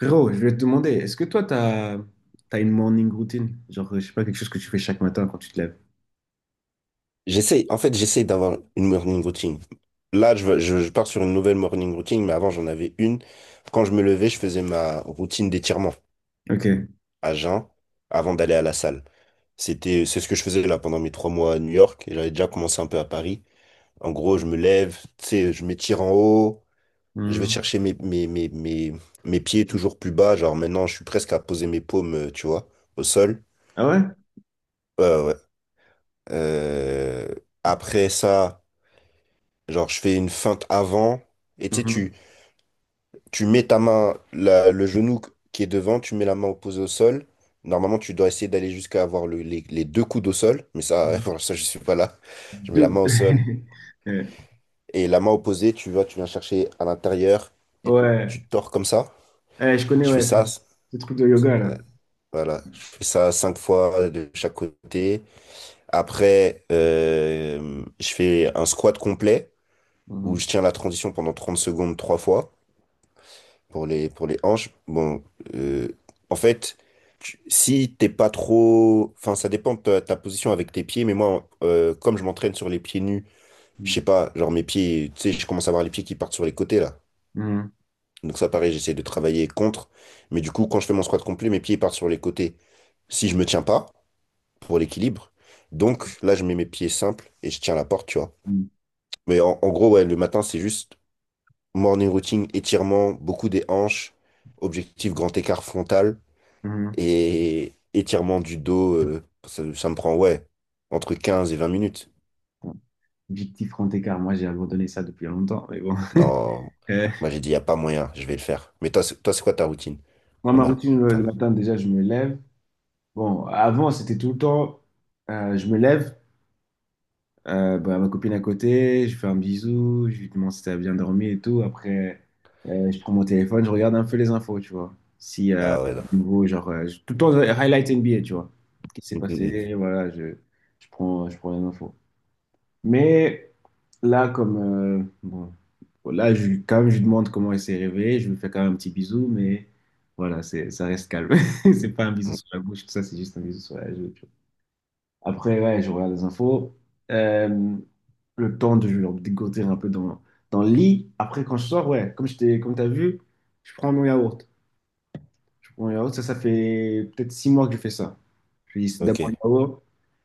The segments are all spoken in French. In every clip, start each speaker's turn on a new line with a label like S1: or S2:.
S1: Gros, je vais te demander, est-ce que toi, t'as, t'as une morning routine? Genre, je sais pas, quelque chose que tu fais chaque matin quand tu te lèves.
S2: En fait, j'essaie d'avoir une morning routine. Là, je pars sur une nouvelle morning routine, mais avant, j'en avais une. Quand je me levais, je faisais ma routine d'étirement
S1: Ok.
S2: à jeun avant d'aller à la salle. C'était, c'est ce que je faisais là pendant mes 3 mois à New York et j'avais déjà commencé un peu à Paris. En gros, je me lève, tu sais, je m'étire en haut, je vais
S1: Hmm.
S2: chercher mes pieds toujours plus bas. Genre maintenant, je suis presque à poser mes paumes, tu vois, au sol.
S1: Ah ouais?
S2: Ouais, ouais, ouais. Euh, Après ça. Genre, je fais une feinte avant, et tu sais, tu,
S1: Mhm.
S2: tu mets ta main, le genou qui est devant, tu mets la main opposée au sol. Normalement, tu dois essayer d'aller jusqu'à avoir les deux coudes au sol, mais ça, pour ça, je suis pas là. Je mets la
S1: De-
S2: main au sol,
S1: Ouais.
S2: et la main opposée, tu vois, tu viens chercher à l'intérieur, et
S1: Ouais.
S2: tu te tords comme ça.
S1: Eh, je connais,
S2: Je fais
S1: ouais, ce
S2: ça,
S1: ce truc de yoga, là.
S2: euh, voilà, je fais ça cinq fois de chaque côté. Après, je fais un squat complet, où
S1: Mhm.
S2: je tiens la transition pendant 30 secondes trois fois. Pour les hanches, bon, euh, en fait, si t'es pas trop. Enfin, ça dépend de ta position avec tes pieds, mais moi, comme je m'entraîne sur les pieds nus, je sais pas, genre mes pieds, tu sais, je commence à avoir les pieds qui partent sur les côtés là.
S1: Mhm.
S2: Donc ça, pareil, j'essaie de travailler contre. Mais du coup, quand je fais mon squat complet, mes pieds partent sur les côtés. Si je me tiens pas, pour l'équilibre. Donc là, je mets mes pieds simples et je tiens la porte, tu vois.
S1: Mhm.
S2: Mais en gros, ouais, le matin, c'est juste morning routine, étirement, beaucoup des hanches, objectif grand écart frontal,
S1: Mhm.
S2: et étirement du dos, ça, ça me prend, ouais, entre 15 et 20 minutes.
S1: Bon, objectif grand écart, moi, j'ai abandonné ça depuis longtemps, mais bon.
S2: Non,
S1: Eh,
S2: moi j'ai dit, il n'y a pas moyen, je vais le faire. Mais toi, toi, c'est quoi ta routine
S1: moi,
S2: le
S1: ma
S2: matin?
S1: routine le matin, déjà, je me lève. Bon, avant, c'était tout le temps, je me lève, bah, ma copine à côté, je fais un bisou, je lui demande si t'as bien dormi et tout. Après, je prends mon téléphone, je regarde un peu les infos, tu vois. Si
S2: Ah
S1: il y a
S2: ouais, non.
S1: du nouveau, genre, tout le temps, highlight NBA, tu vois. Quest Ce qui s'est
S2: Mm, mm,
S1: passé, voilà, je, je prends les infos. Mais là, comme, bon, bon, là, je, quand même, je lui demande comment elle s'est réveillée, je lui fais quand même un petit bisou, mais voilà, c'est, ça reste calme. C'est pas un bisou
S2: mm, mm.
S1: sur la bouche, tout ça, c'est juste un bisou sur la joue. Après, ouais, je regarde les infos. Euh, le temps de genre, dégoter un peu dans, dans le lit. Après, quand je sors, ouais, comme je t'ai, comme t'as vu, je prends mon yaourt. Bon, yaourt, ça fait peut-être six mois que je fais ça. Puis c'est
S2: Ok,
S1: d'abord le yaourt.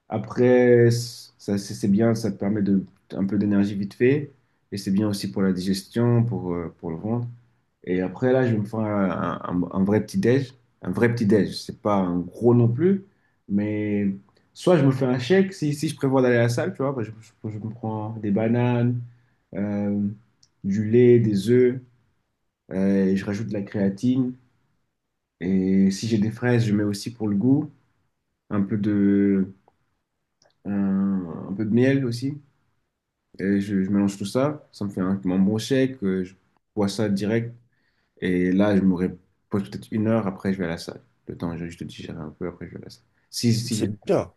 S1: Après, ça, c'est bien, ça te permet de, un peu d'énergie vite fait. Et c'est bien aussi pour la digestion, pour le ventre. Et après, là, je vais me faire un, un vrai petit-déj. Un vrai petit-déj. C'est pas un gros non plus. Mais soit je me fais un shake, si, si je prévois d'aller à la salle, tu vois, bah, je, je me prends des bananes, euh, du lait, des œufs, et je rajoute de la créatine. Et si j'ai des fraises, je mets aussi pour le goût, un peu de, un, un peu de miel aussi. Et je mélange tout ça. Ça me fait un, mon bon shake. Je bois ça direct. Et là, je me repose peut-être une heure. Après, je vais à la salle. Le temps, je te digérer un peu. Après, je vais à la salle. Si, si,
S2: c'est
S1: j'ai-
S2: bien.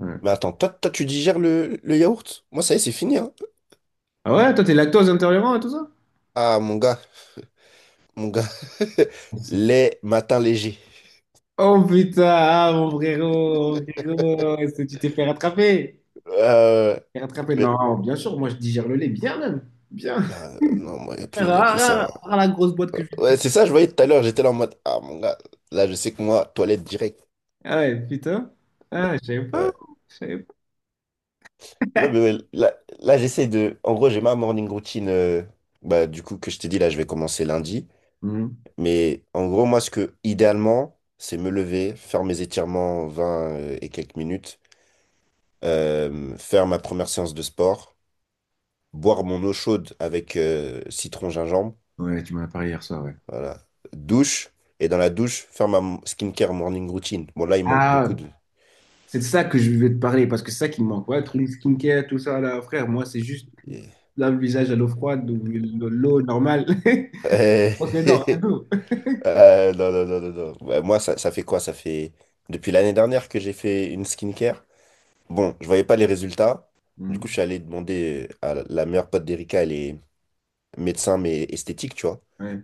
S1: ouais.
S2: Mais attends, toi, tu digères le yaourt? Moi, ça y est, c'est fini, hein.
S1: Ah ouais, toi, t'es lactose intolérant et tout ça?
S2: Ah, mon gars, mon gars.
S1: C'est-
S2: Les matins légers.
S1: Oh putain, ah, mon frérot, est-ce que tu t'es fait rattraper?
S2: Euh,
S1: T'es rattrapé?
S2: mais-
S1: Non, bien sûr, moi, je digère le lait bien même. Bien.
S2: ah, non, moi, il n'y a
S1: Ah,
S2: plus, y a plus ça.
S1: ah, ah, ah, la grosse boîte que je
S2: Ouais, c'est ça, je voyais tout à l'heure, j'étais là en mode, ah, mon gars, là, je sais que moi, toilette directe.
S1: ah ouais, putain. Ah, je savais pas. Je savais pas.
S2: Là, mais ouais, là, j'essaie de. En gros, j'ai ma morning routine. Bah, du coup, que je t'ai dit, là, je vais commencer lundi.
S1: Mhm.
S2: Mais en gros, moi, ce que idéalement, c'est me lever, faire mes étirements 20 et quelques minutes, faire ma première séance de sport, boire mon eau chaude avec citron gingembre.
S1: Ouais, tu m'en as parlé hier soir, ouais.
S2: Voilà. Douche. Et dans la douche, faire ma skincare morning routine. Bon, là, il manque beaucoup
S1: Ah,
S2: de.
S1: c'est de ça que je vais te parler parce que c'est ça qui me manque. Ouais, tout le skincare, tout ça, là, frère, moi, c'est juste lave le visage à l'eau froide ou de l'eau normale.
S2: Euh,
S1: On se les dents, rien d'autre.
S2: non, non, non, non, non. Ouais, moi, ça fait quoi? Ça fait depuis l'année dernière que j'ai fait une skincare. Bon, je voyais pas les résultats. Du coup,
S1: Mhm.
S2: je suis allé demander à la meilleure pote d'Erika, elle est médecin, mais esthétique, tu vois.
S1: Ouais.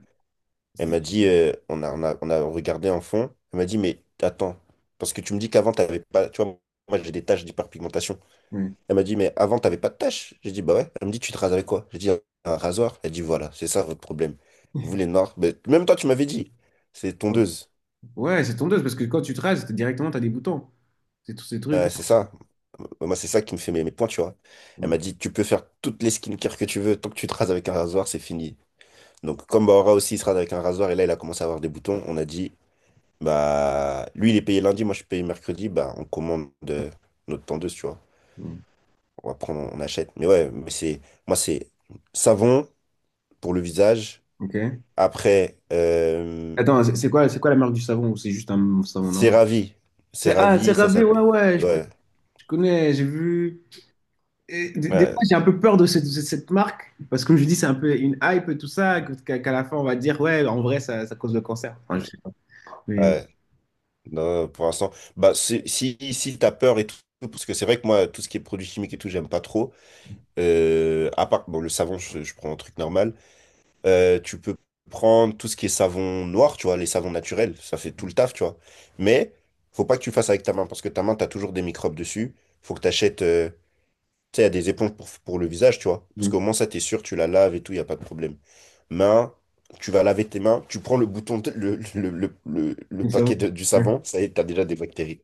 S2: Elle
S1: C'est-
S2: m'a dit, on a regardé en fond. Elle m'a dit, mais attends, parce que tu me dis qu'avant, t'avais pas, tu vois, moi, j'ai des taches d'hyperpigmentation.
S1: ouais.
S2: Elle m'a dit, mais avant, t'avais pas de taches. J'ai dit, bah ouais. Elle me dit, tu te rases avec quoi? J'ai dit, un rasoir. Elle dit, voilà, c'est ça votre problème. Vous, les noirs, mais même toi, tu m'avais dit, c'est tondeuse.
S1: Ouais, c'est tondeuse parce que quand tu te rases, t'es- directement, t'as des boutons. C'est tous ces trucs.
S2: Ouais, c'est ça. Moi, c'est ça qui me fait mes points, tu vois. Elle
S1: Mhm.
S2: m'a dit, tu peux faire toutes les skincare que tu veux, tant que tu te rases avec un rasoir, c'est fini. Donc, comme Bahora aussi, il se rase avec un rasoir, et là, il a commencé à avoir des boutons, on a dit, bah, lui, il est payé lundi, moi, je suis payé mercredi, bah, on commande notre tendeuse, tu vois.
S1: Mhm.
S2: On va prendre, on achète. Mais ouais, mais c'est, moi, c'est savon pour le visage.
S1: Ok.
S2: Après,
S1: Attends, c'est quoi la marque du savon ou c'est juste un savon
S2: c'est
S1: normal?
S2: ravi. C'est
S1: C'est ah, c'est
S2: ravi, ça
S1: Ravé, ouais,
S2: s'appelle.
S1: ouais,
S2: Ouais.
S1: je connais, j'ai vu. Et des fois,
S2: Ouais.
S1: j'ai un peu peur de cette marque, parce que comme je dis, c'est un peu une hype, et tout ça, qu'à la fin, on va dire, ouais, en vrai, ça cause le cancer. Enfin, je sais pas. Mais,
S2: Ouais. Non, pour l'instant, bah, si, si t'as peur et tout, parce que c'est vrai que moi, tout ce qui est produits chimiques et tout, j'aime pas trop. À part, bon, le savon, je prends un truc normal. Tu peux prendre tout ce qui est savon noir, tu vois, les savons naturels, ça fait tout le taf, tu vois. Mais, faut pas que tu le fasses avec ta main, parce que ta main, t'as toujours des microbes dessus. Faut que t'achètes, tu sais, il y a des éponges pour le visage, tu vois. Parce qu'au
S1: mais-
S2: moins, ça, t'es sûr, tu la laves et tout, il y a pas de problème. Main, tu vas laver tes mains, tu prends le bouton, le
S1: mais ça va.
S2: paquet du
S1: Ouais.
S2: savon, ça y est, t'as déjà des bactéries.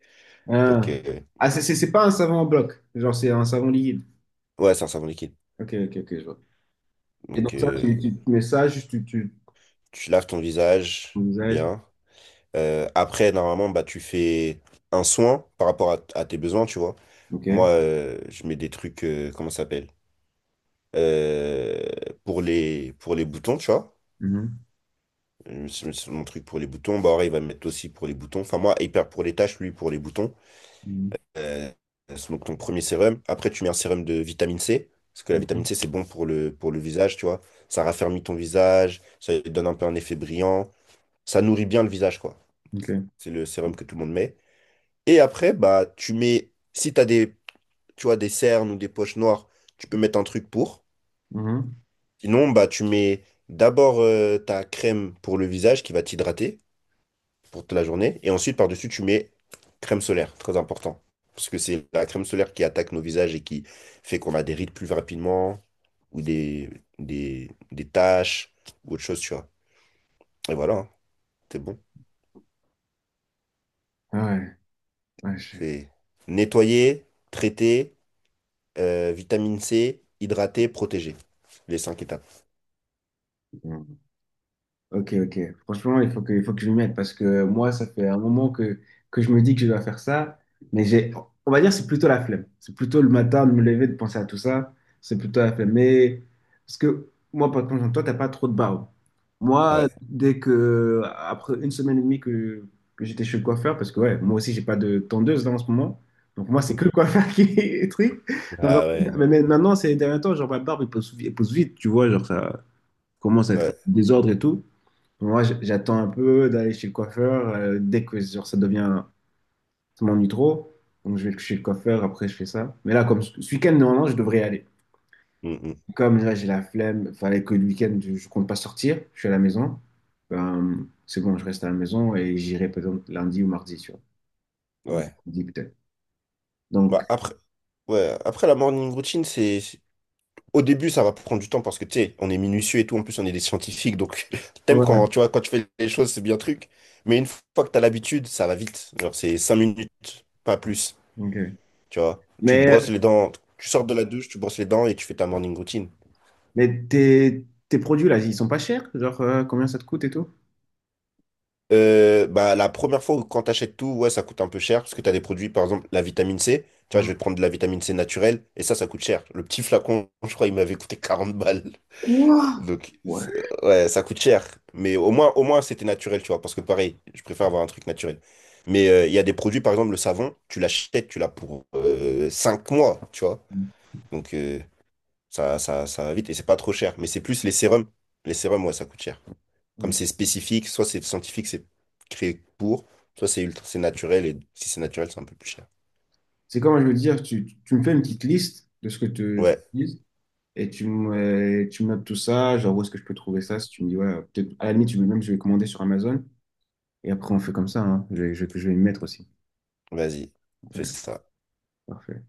S2: Donc,
S1: Ah, ah, c'est pas un savon en bloc, genre, c'est un savon liquide.
S2: ouais, c'est un savon liquide.
S1: Ok, ok, ok, je vois. Et donc,
S2: Donc,
S1: ça, tu, tu mets ça, juste tu. Tu...
S2: tu laves ton
S1: au
S2: visage
S1: visage.
S2: bien. Après, normalement, bah, tu fais un soin par rapport à tes besoins, tu vois.
S1: Ok.
S2: Moi, je mets des trucs, comment ça s'appelle? Euh, pour les boutons, tu vois.
S1: Mhm.
S2: C'est mon truc pour les boutons. Bah, il va me mettre aussi pour les boutons. Enfin, moi, hyper pour les taches, lui, pour les boutons.
S1: Mhm.
S2: euh, c'est donc ton premier sérum. Après, tu mets un sérum de vitamine C, parce que la vitamine
S1: Mhm.
S2: C, c'est bon pour le visage, tu vois. Ça raffermit ton visage, ça donne un peu un effet brillant, ça nourrit bien le visage, quoi.
S1: Ok.
S2: C'est le sérum que tout le monde met. Et après, bah, tu mets, si tu as tu vois, des cernes ou des poches noires, tu peux mettre un truc pour.
S1: Mhm.
S2: Sinon, bah, tu mets d'abord ta crème pour le visage qui va t'hydrater pour toute la journée. Et ensuite, par-dessus, tu mets crème solaire, très important. Parce que c'est la crème solaire qui attaque nos visages et qui fait qu'on a des rides plus rapidement ou des taches ou autre chose, tu vois. Et voilà, hein, c'est bon.
S1: Ah ouais. Ouais, je-
S2: C'est nettoyer, traiter, vitamine C, hydrater, protéger. Les cinq étapes.
S1: ouais. Ok, ok. Franchement, il faut que je m'y mette parce que moi, ça fait un moment que je me dis que je dois faire ça, mais j'ai, on va dire, c'est plutôt la flemme. C'est plutôt le matin de me lever, de penser à tout ça. C'est plutôt la flemme. Mais parce que moi, par contre, toi, t'as pas trop de barreaux. Moi,
S2: Ouais.
S1: dès que, après une semaine et demie que j'étais chez le coiffeur, parce que ouais, moi aussi, j'ai pas de tondeuse là en ce moment. Donc moi, c'est
S2: Mm,
S1: que le coiffeur qui est le truc.
S2: mm.
S1: Donc, en
S2: Ah ouais.
S1: mais maintenant, ces derniers temps, genre ma barbe, elle pousse vite, tu vois, genre ça commence à être
S2: Ouais.
S1: un désordre et tout. Moi, j'attends un peu d'aller chez le coiffeur. Dès que genre, ça devient, ça m'ennuie trop, donc je vais chez le coiffeur, après je fais ça. Mais là, comme ce week-end, normalement, je devrais y aller.
S2: Mm, mm.
S1: Comme là, j'ai la flemme, fallait que le week-end, je compte pas sortir, je suis à la maison. Ben, c'est bon, je reste à la maison et j'irai peut-être lundi ou mardi, tu vois. Ou
S2: Ouais.
S1: mercredi peut-être. Donc,
S2: Bah, après, ouais. Après la morning routine, c'est au début, ça va prendre du temps parce que, tu sais, on est minutieux et tout. En plus, on est des scientifiques. Donc, t'aimes
S1: ouais.
S2: tu vois, quand tu fais les choses, c'est bien truc. Mais une fois que t'as l'habitude, ça va vite. Genre, c'est 5 minutes, pas plus.
S1: Ok.
S2: Tu vois, tu te brosses
S1: Mais,
S2: les dents, tu sors de la douche, tu brosses les dents et tu fais ta morning routine.
S1: mais tes, tes produits, là, ils sont pas chers? Genre, combien ça te coûte et tout?
S2: Bah, la première fois où quand t'achètes tout, ouais, ça coûte un peu cher parce que t'as des produits, par exemple, la vitamine C. Tu vois, je vais te prendre de la vitamine C naturelle et ça coûte cher. Le petit flacon, je crois, il m'avait coûté 40 balles.
S1: Ouah.
S2: Donc,
S1: Ouais.
S2: ouais, ça coûte cher. Mais au moins c'était naturel, tu vois. Parce que pareil, je préfère avoir un truc naturel. Mais il y a des produits, par exemple, le savon, tu l'achètes, tu l'as pour 5 mois, tu vois. Donc, ça va vite et c'est pas trop cher. Mais c'est plus les sérums. Les sérums, ouais, ça coûte cher. Comme
S1: Ok.
S2: c'est spécifique, soit c'est scientifique, c'est créé pour, soit c'est ultra, c'est naturel. Et si c'est naturel, c'est un peu plus cher.
S1: C'est comment je veux dire, tu me fais une petite liste de ce que tu
S2: Ouais,
S1: utilises et tu me notes tout ça, genre où est-ce que je peux trouver ça, si tu me dis, ouais, peut-être, à la limite, tu veux même, je vais commander sur Amazon et après on fait comme ça, hein. Je vais, je, vais je vais y mettre aussi.
S2: vas-y, fais
S1: Ouais,
S2: ça.
S1: parfait.